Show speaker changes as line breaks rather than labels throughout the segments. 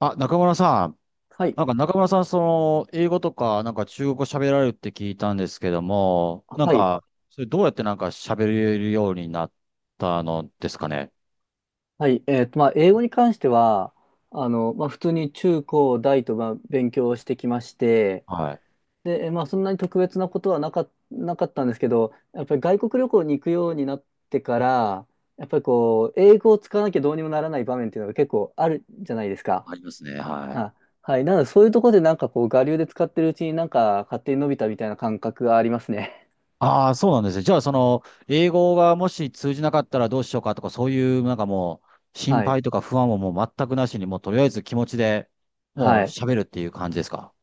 あ、中村さん。
はい。
中村さん、英語とか、中国語喋られるって聞いたんですけども、
はい。
それどうやって喋れるようになったのですかね。
はい。まあ、英語に関しては、あの、まあ、普通に中高大と、まあ、勉強してきまして、
はい。
で、まあ、そんなに特別なことはなかったんですけど、やっぱり外国旅行に行くようになってから、やっぱりこう、英語を使わなきゃどうにもならない場面っていうのが結構あるじゃないですか。
ありますね。は
あ、
い。
はい。なので、そういうところでなんかこう、我流で使ってるうちになんか勝手に伸びたみたいな感覚がありますね。
ああ、そうなんですね。じゃあ、英語がもし通じなかったらどうしようかとか、そういう、なんかもう、心
はい。
配とか不安をもう全くなしに、もうとりあえず気持ちでもう
はい。
喋るっていう感じですか。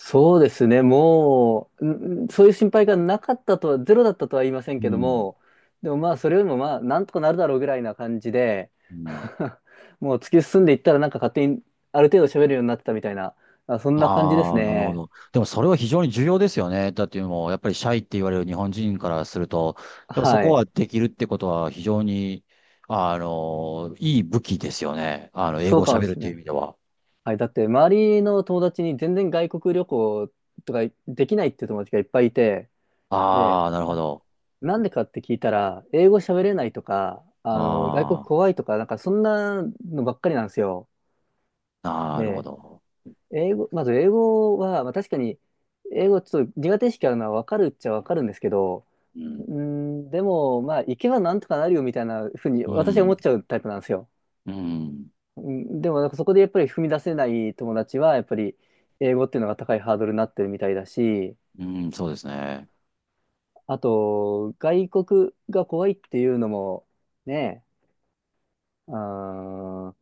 そうですね、もう、そういう心配がなかったとは、ゼロだったとは言いません
う
けど
ん。
も、でもまあ、それよりもまあ、なんとかなるだろうぐらいな感じで、
うん。
もう突き進んでいったら、なんか勝手にある程度喋るようになってたみたいな、あ、そんな感じです
ああ、なるほ
ね。
ど。でもそれは非常に重要ですよね。だってもう、やっぱりシャイって言われる日本人からすると、やっぱそ
は
こ
い。
はできるってことは非常に、いい武器ですよね。英
そ
語
う
を
かも
喋る
し
っ
れ
てい
な
う意
い。
味では。
はい。だって、周りの友達に全然外国旅行とかできないっていう友達がいっぱいいて、で、
ああ、なるほど。
なんでかって聞いたら、英語喋れないとか、あの、外国
あ
怖いとか、なんかそんなのばっかりなんですよ。
あ、なるほ
で、
ど。
英語、まず英語は、まあ確かに、英語ちょっと苦手意識あるのはわかるっちゃわかるんですけど、
う
う
ん。
ーん、でも、まあ、行けばなんとかなるよみたいなふうに
う
私は思っ
ん。
ちゃうタイプなんですよ。
うん。
うん、でも、なんかそこでやっぱり踏み出せない友達は、やっぱり英語っていうのが高いハードルになってるみたいだし、
うん、そうですね。
あと、外国が怖いっていうのも、ね、うん、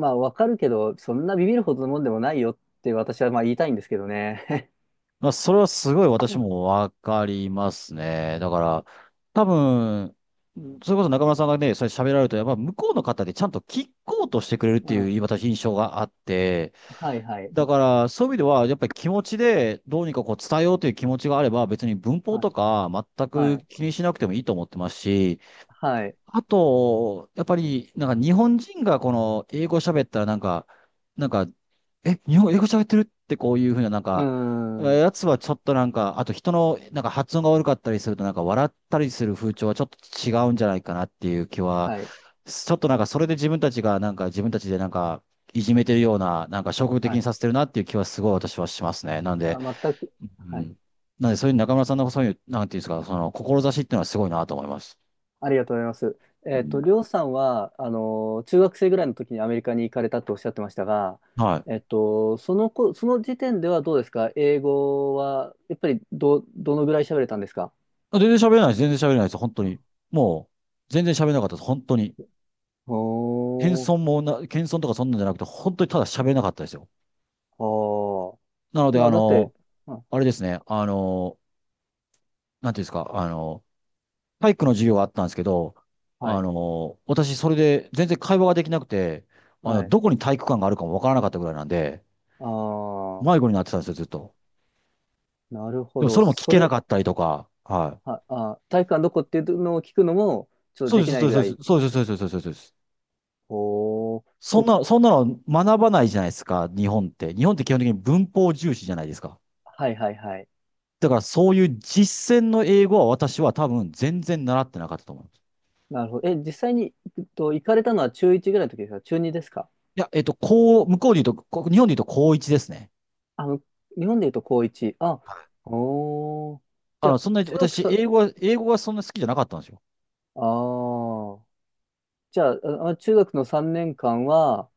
まあ、わかるけど、そんなビビるほどのもんでもないよって私はまあ言いたいんですけどね。
まあ、それはすごい私もわかりますね。だから、多分、それこそ中村さんがね、それ喋られると、やっぱ向こうの方でちゃんと聞こうとしてくれるっ
う
ていう、
ん。
私印象があって、
はいはい。
だから、そういう意味では、やっぱり気持ちでどうにかこう伝えようという気持ちがあれば、別に文法
はい。
とか全
は
く
い。
気にしなくてもいいと思ってますし、
はい。
あと、やっぱり、日本人がこの英語喋ったらなんか、え、日本英語喋ってるってこういうふうな
うーん。
やつはちょっとあと人の発音が悪かったりすると笑ったりする風潮はちょっと違うんじゃないかなっていう気は、
はい。
ちょっとそれで自分たちが自分たちでいじめてるような、消極的
は
に
い。
させてるなっていう気はすごい私はしますね。なんで、
あ、全く。
う
はい。
ん。なんでそういう中村さんのそういう、なんていうんですか、その志っていうのはすごいなと思います。
ありがとうございます。
うん
りょうさんは、あの、中学生ぐらいの時にアメリカに行かれたとおっしゃってましたが、
はい。
そのこ、その時点ではどうですか、英語は、やっぱりどのぐらい喋れたんですか？
全然喋れないです。全然喋れないです。本当
うん。
に。もう、全然喋れなかったです。本当に。
おー、
謙遜とかそんなんじゃなくて、本当にただ喋れなかったですよ。
あー。
なので、
まあ、だって、うん。
あれですね。なんていうんですか。体育の授業があったんですけど、
はい。
私、それで全然会話ができなくて、
はい。
どこに体育館があるかもわからなかったぐらいなんで、
あ
迷
あ、
子になってたんですよ、ずっと。
なるほ
でも、そ
ど。
れも聞けなかったりとか、はい。
は、あ、体育館どこっていうのを聞くのも、ちょっと
そう
で
で
き
す、
な
そ
い
う
ぐ
で
ら
す、
い。
そうです、そうです、そうです、そうです。そうです。
おー、
そんな、そんなの学ばないじゃないですか、日本って。日本って基本的に文法重視じゃないですか。
はいはいはい。
だからそういう実践の英語は私は多分全然習ってなかったと思います。
なるほど。え、実際に、行かれたのは中1ぐらいの時ですか、中2ですか？
いや、こう、向こうで言うと、日本で言うと高一ですね。
あの、日本で言うと高1。あ、おー。じゃあ、
そんなに
中学
私、
さ、
英語がそんな好きじゃなかったんですよ。
あー。じゃあ、ああ中学の3年間は、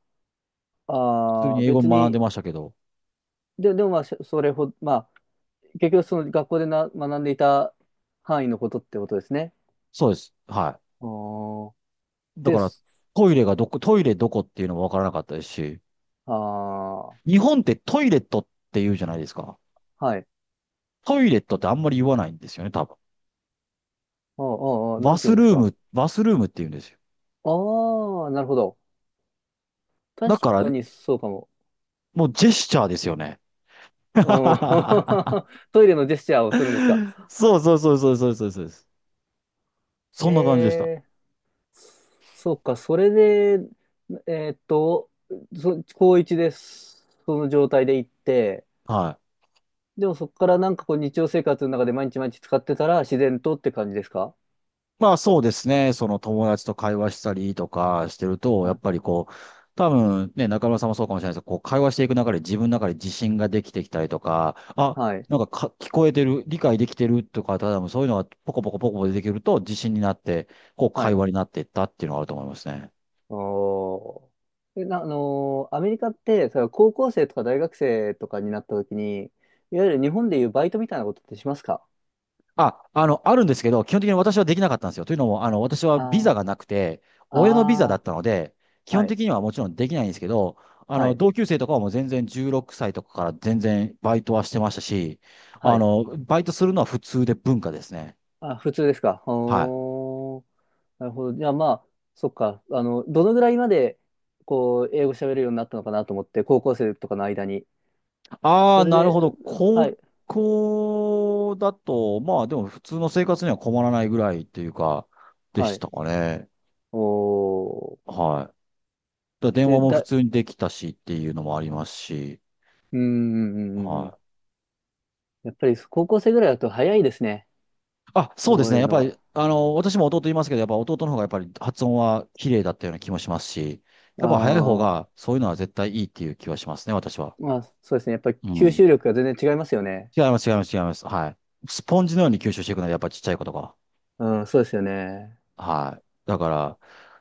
普通
あ
に
ー、
英語
別
学んで
に、
ましたけど。
で、でもまあ、それほど、まあ、結局その学校で学んでいた範囲のことってことですね。
そうです。は
あー
い。だ
で
から、
す。
トイレどこっていうのもわからなかったですし、
ああ、は
日本ってトイレットって言うじゃないですか。
い。
トイレットってあんまり言わないんですよね、多分。
あーあー、ああなんて言うんですか。
バスルームって言うんですよ。
ああ、なるほど。確
だから、
かにそうかも。
もうジェスチャーですよね。
あ ー トイレのジェスチャーをするんですか？
そうそうそうそうそうそうそうです。そ
へ
んな感じでした。
え、そうか。それで、えーっと、高一です。その状態で行って、
はい。
でもそこからなんかこう日常生活の中で毎日毎日使ってたら自然とって感じですか？
まあそうですね。その友達と会話したりとかしてると、
は
やっぱり
い。
こう、多分ね、中村さんもそうかもしれないですけど、こう会話していく中で自分の中で自信ができてきたりとか、あ、
はい。
聞こえてる、理解できてるとか、多分そういうのがポコポコポコポコ出てくると自信になって、こう
は
会
い。
話になっていったっていうのがあると思いますね。
おー。え、アメリカって、それは高校生とか大学生とかになった時に、いわゆる日本でいうバイトみたいなことってしますか？
あ、あるんですけど、基本的に私はできなかったんですよ。というのも、私はビザ
あ
がなくて、
あ、
親のビザだっ
あ
たので、
あ、
基
は
本
い、
的にはもちろんできないんですけど、
はい、
同級生とかはもう全然16歳とかから全然バイトはしてましたし、
はい。
バイトするのは普通で文化ですね。
あ、普通ですか。
はい。
おー、なるほど。じゃあまあ、そっか。あの、どのぐらいまで、こう、英語喋れるようになったのかなと思って、高校生とかの間に。
あ
そ
あ、
れ
なる
で、
ほど。
は
高
い、
校だと、まあでも普通の生活には困らないぐらいっていうか、で
は
し
い。
たかね。
おー。
はい。だから電
で、
話も普
だ、
通にできたしっていうのもありますし、
うん、うん、うん、う
は
ん。
い。
やっぱり高校生ぐらいだと早いですね、
あ、そうです
覚え
ね。
る
やっ
の
ぱり、
が。
私も弟いますけど、やっぱ弟の方がやっぱり発音は綺麗だったような気もしますし、やっぱ早い方
ああ、
がそういうのは絶対いいっていう気はしますね、私は。
まあそうですね。やっぱり
う
吸
ん。
収力が全然違いますよね。
違います、違います、違います。はい。スポンジのように吸収していくので、やっぱちっちゃいことが。
うん、そうですよね。
はい。だから、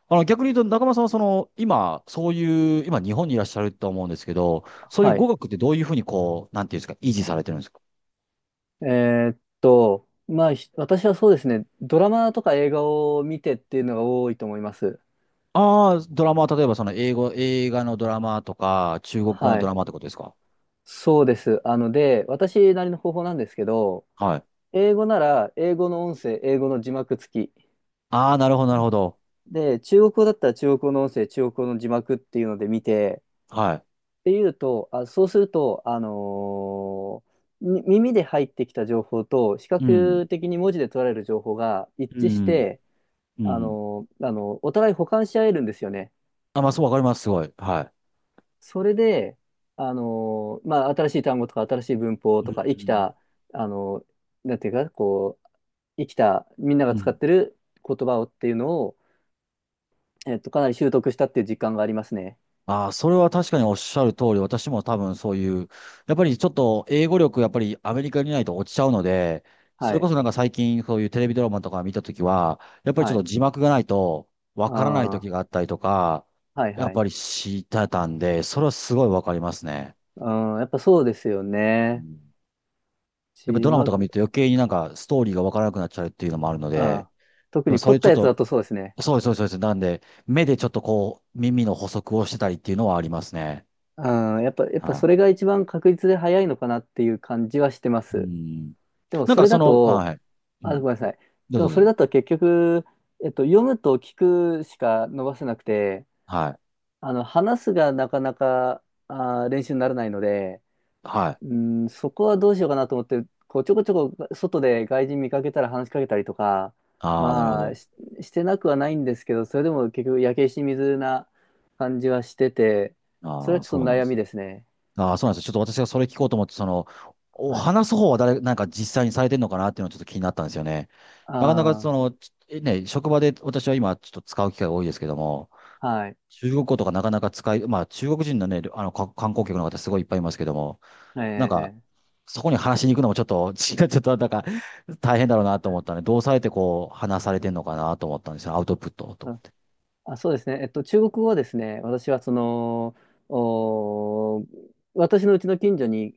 逆に言うと、中村さんはその、今、そういう、今日本にいらっしゃると思うんですけど、そういう
は
語
い。
学ってどういうふうにこう、なんていうんですか、維持されてるんですか？
えまあ私はそうですね、ドラマとか映画を見てっていうのが多いと思います。
ああー、ドラマは例えばその英語、映画のドラマとか、中国語の
は
ド
い。
ラマってことですか？
そうです。あので、私なりの方法なんですけど、
はい。
英語なら英語の音声、英語の字幕付き。
ああ、なるほど、なるほど。
で、中国語だったら中国語の音声、中国語の字幕っていうので見て、
は
っていうと、あ、そうすると、耳で入ってきた情報と、視
い。うん。
覚的に文字で取られる情報が
う
一致し
ん。
て、
う
あ
ん。
のーあのお互い補完し合えるんですよね。
あ、まあ、そう、わかります、すごい。は
それで、まあ、新しい単語とか、新しい文法
い。う
とか、生き
ん。
た、あのーなんていうか、こう、生きた、みんなが
う
使っ
ん。
てる言葉をっていうのを、かなり習得したっていう実感がありますね。
ああ、それは確かにおっしゃる通り、私も多分そういう、やっぱりちょっと英語力、やっぱりアメリカにいないと落ちちゃうので、そ
は
れこ
い。
そ最近そういうテレビドラマとか見たときは、やっぱりちょ
は
っと
い。
字幕がないとわからないときが
あ
あったりとか、
あ、はい
やっ
はい。
ぱり知ってたんで、それはすごいわかりますね。
うん、やっぱそうですよ
う
ね。
ん
字
やっぱドラマと
幕、
か見ると余計にストーリーがわからなくなっちゃうっていうのもあるので、
あ、特
でも
に
そ
凝
れ
っ
ち
た
ょっ
やつだ
と
とそうですね。
そうです、そうです、そうです。なんで、目でちょっとこう、耳の補足をしてたりっていうのはありますね。
うん、やっぱ、やっぱそ
は
れが一番確実で早いのかなっていう感じはしてま
い。う
す。
ん。
でもそれだと、
はい。う
あ、
ん。
ごめんなさい。
どう
でも
ぞど
そ
う
れ
ぞ。
だと結局、読むと聞くしか伸ばせなくて、
はい。
あの、話すがなかなか、あー、練習にならないので、
はい。
うん、そこはどうしようかなと思って、こうちょこちょこ外で外人見かけたら話しかけたりとか、
ああ、なるほ
まあ
ど。
し、してなくはないんですけど、それでも結局焼け石に水な感じはしてて、それ
あ
は
あ、
ちょ
そ
っ
う
と
なんで
悩み
す。
ですね。
ああ、そうなんです。ちょっと私がそれ聞こうと思って、お
はい。
話す方は誰、実際にされてるのかなっていうのはちょっと気になったんですよね。なかなか
あ
その、ね、職場で私は今ちょっと使う機会が多いですけども、
あ、はい。
中国語とかなかなか使い、まあ中国人のね、観光客の方すごいいっぱいいますけども、なんか、
ええ。
そこに話しに行くのもちょっと、ちょっと大変だろうなと思ったので、どうされてこう、話されてんのかなと思ったんですよ。アウトプットと思っ
あ、
て。
そうですね。中国語はですね、私はその、おー、私のうちの近所に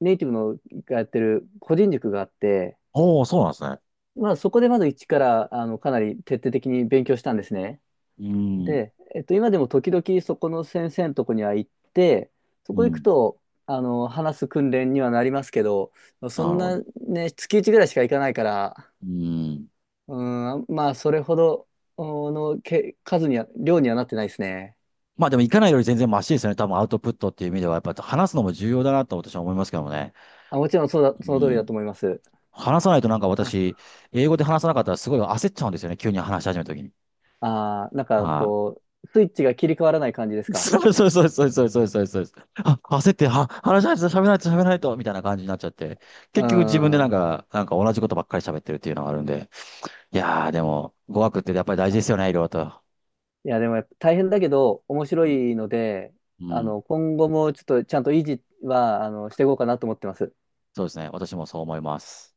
ネイティブのがやってる個人塾があって、
おー、そうなんですね。
まあ、そこでまず一から、あの、かなり徹底的に勉強したんですね。
うん。
で、今でも時々そこの先生のとこには行って、そ
う
こ行く
ん。
と、あの、話す訓練にはなりますけど、そ
な
ん
るほ
な
ど。
ね、月いちぐらいしか行かないから、
うん。
うん、まあ、それほどおのけ数には、量にはなってないですね。
まあでも行かないより全然マシですよね。多分アウトプットっていう意味では、やっぱり話すのも重要だなと私は思いますけどもね。
あ、もちろんそうだ、
う
その通りだ
ん。
と思います。
話さないとなんか
あ
私、英語で話さなかったらすごい焦っちゃうんですよね。急に話し始めた時に。
あー、なんか
はい
こう、スイッチが切り替わらない感じですか？
そうそうそうそうそうそうそうそう。あ、焦って、は、話しないと喋らないと喋らないと、みたいな感じになっちゃって。
う
結局自分でなん
ん。
か、なんか同じことばっかり喋ってるっていうのがあるんで。いやー、でも、語学ってやっぱり大
あ
事ですよね、いろいろと。
いや、でもやっぱ大変だけど、面白
うん。
いので、
う
あ
ん。
の、今後もちょっとちゃんと維持は、あの、していこうかなと思ってます。
そうですね。私もそう思います。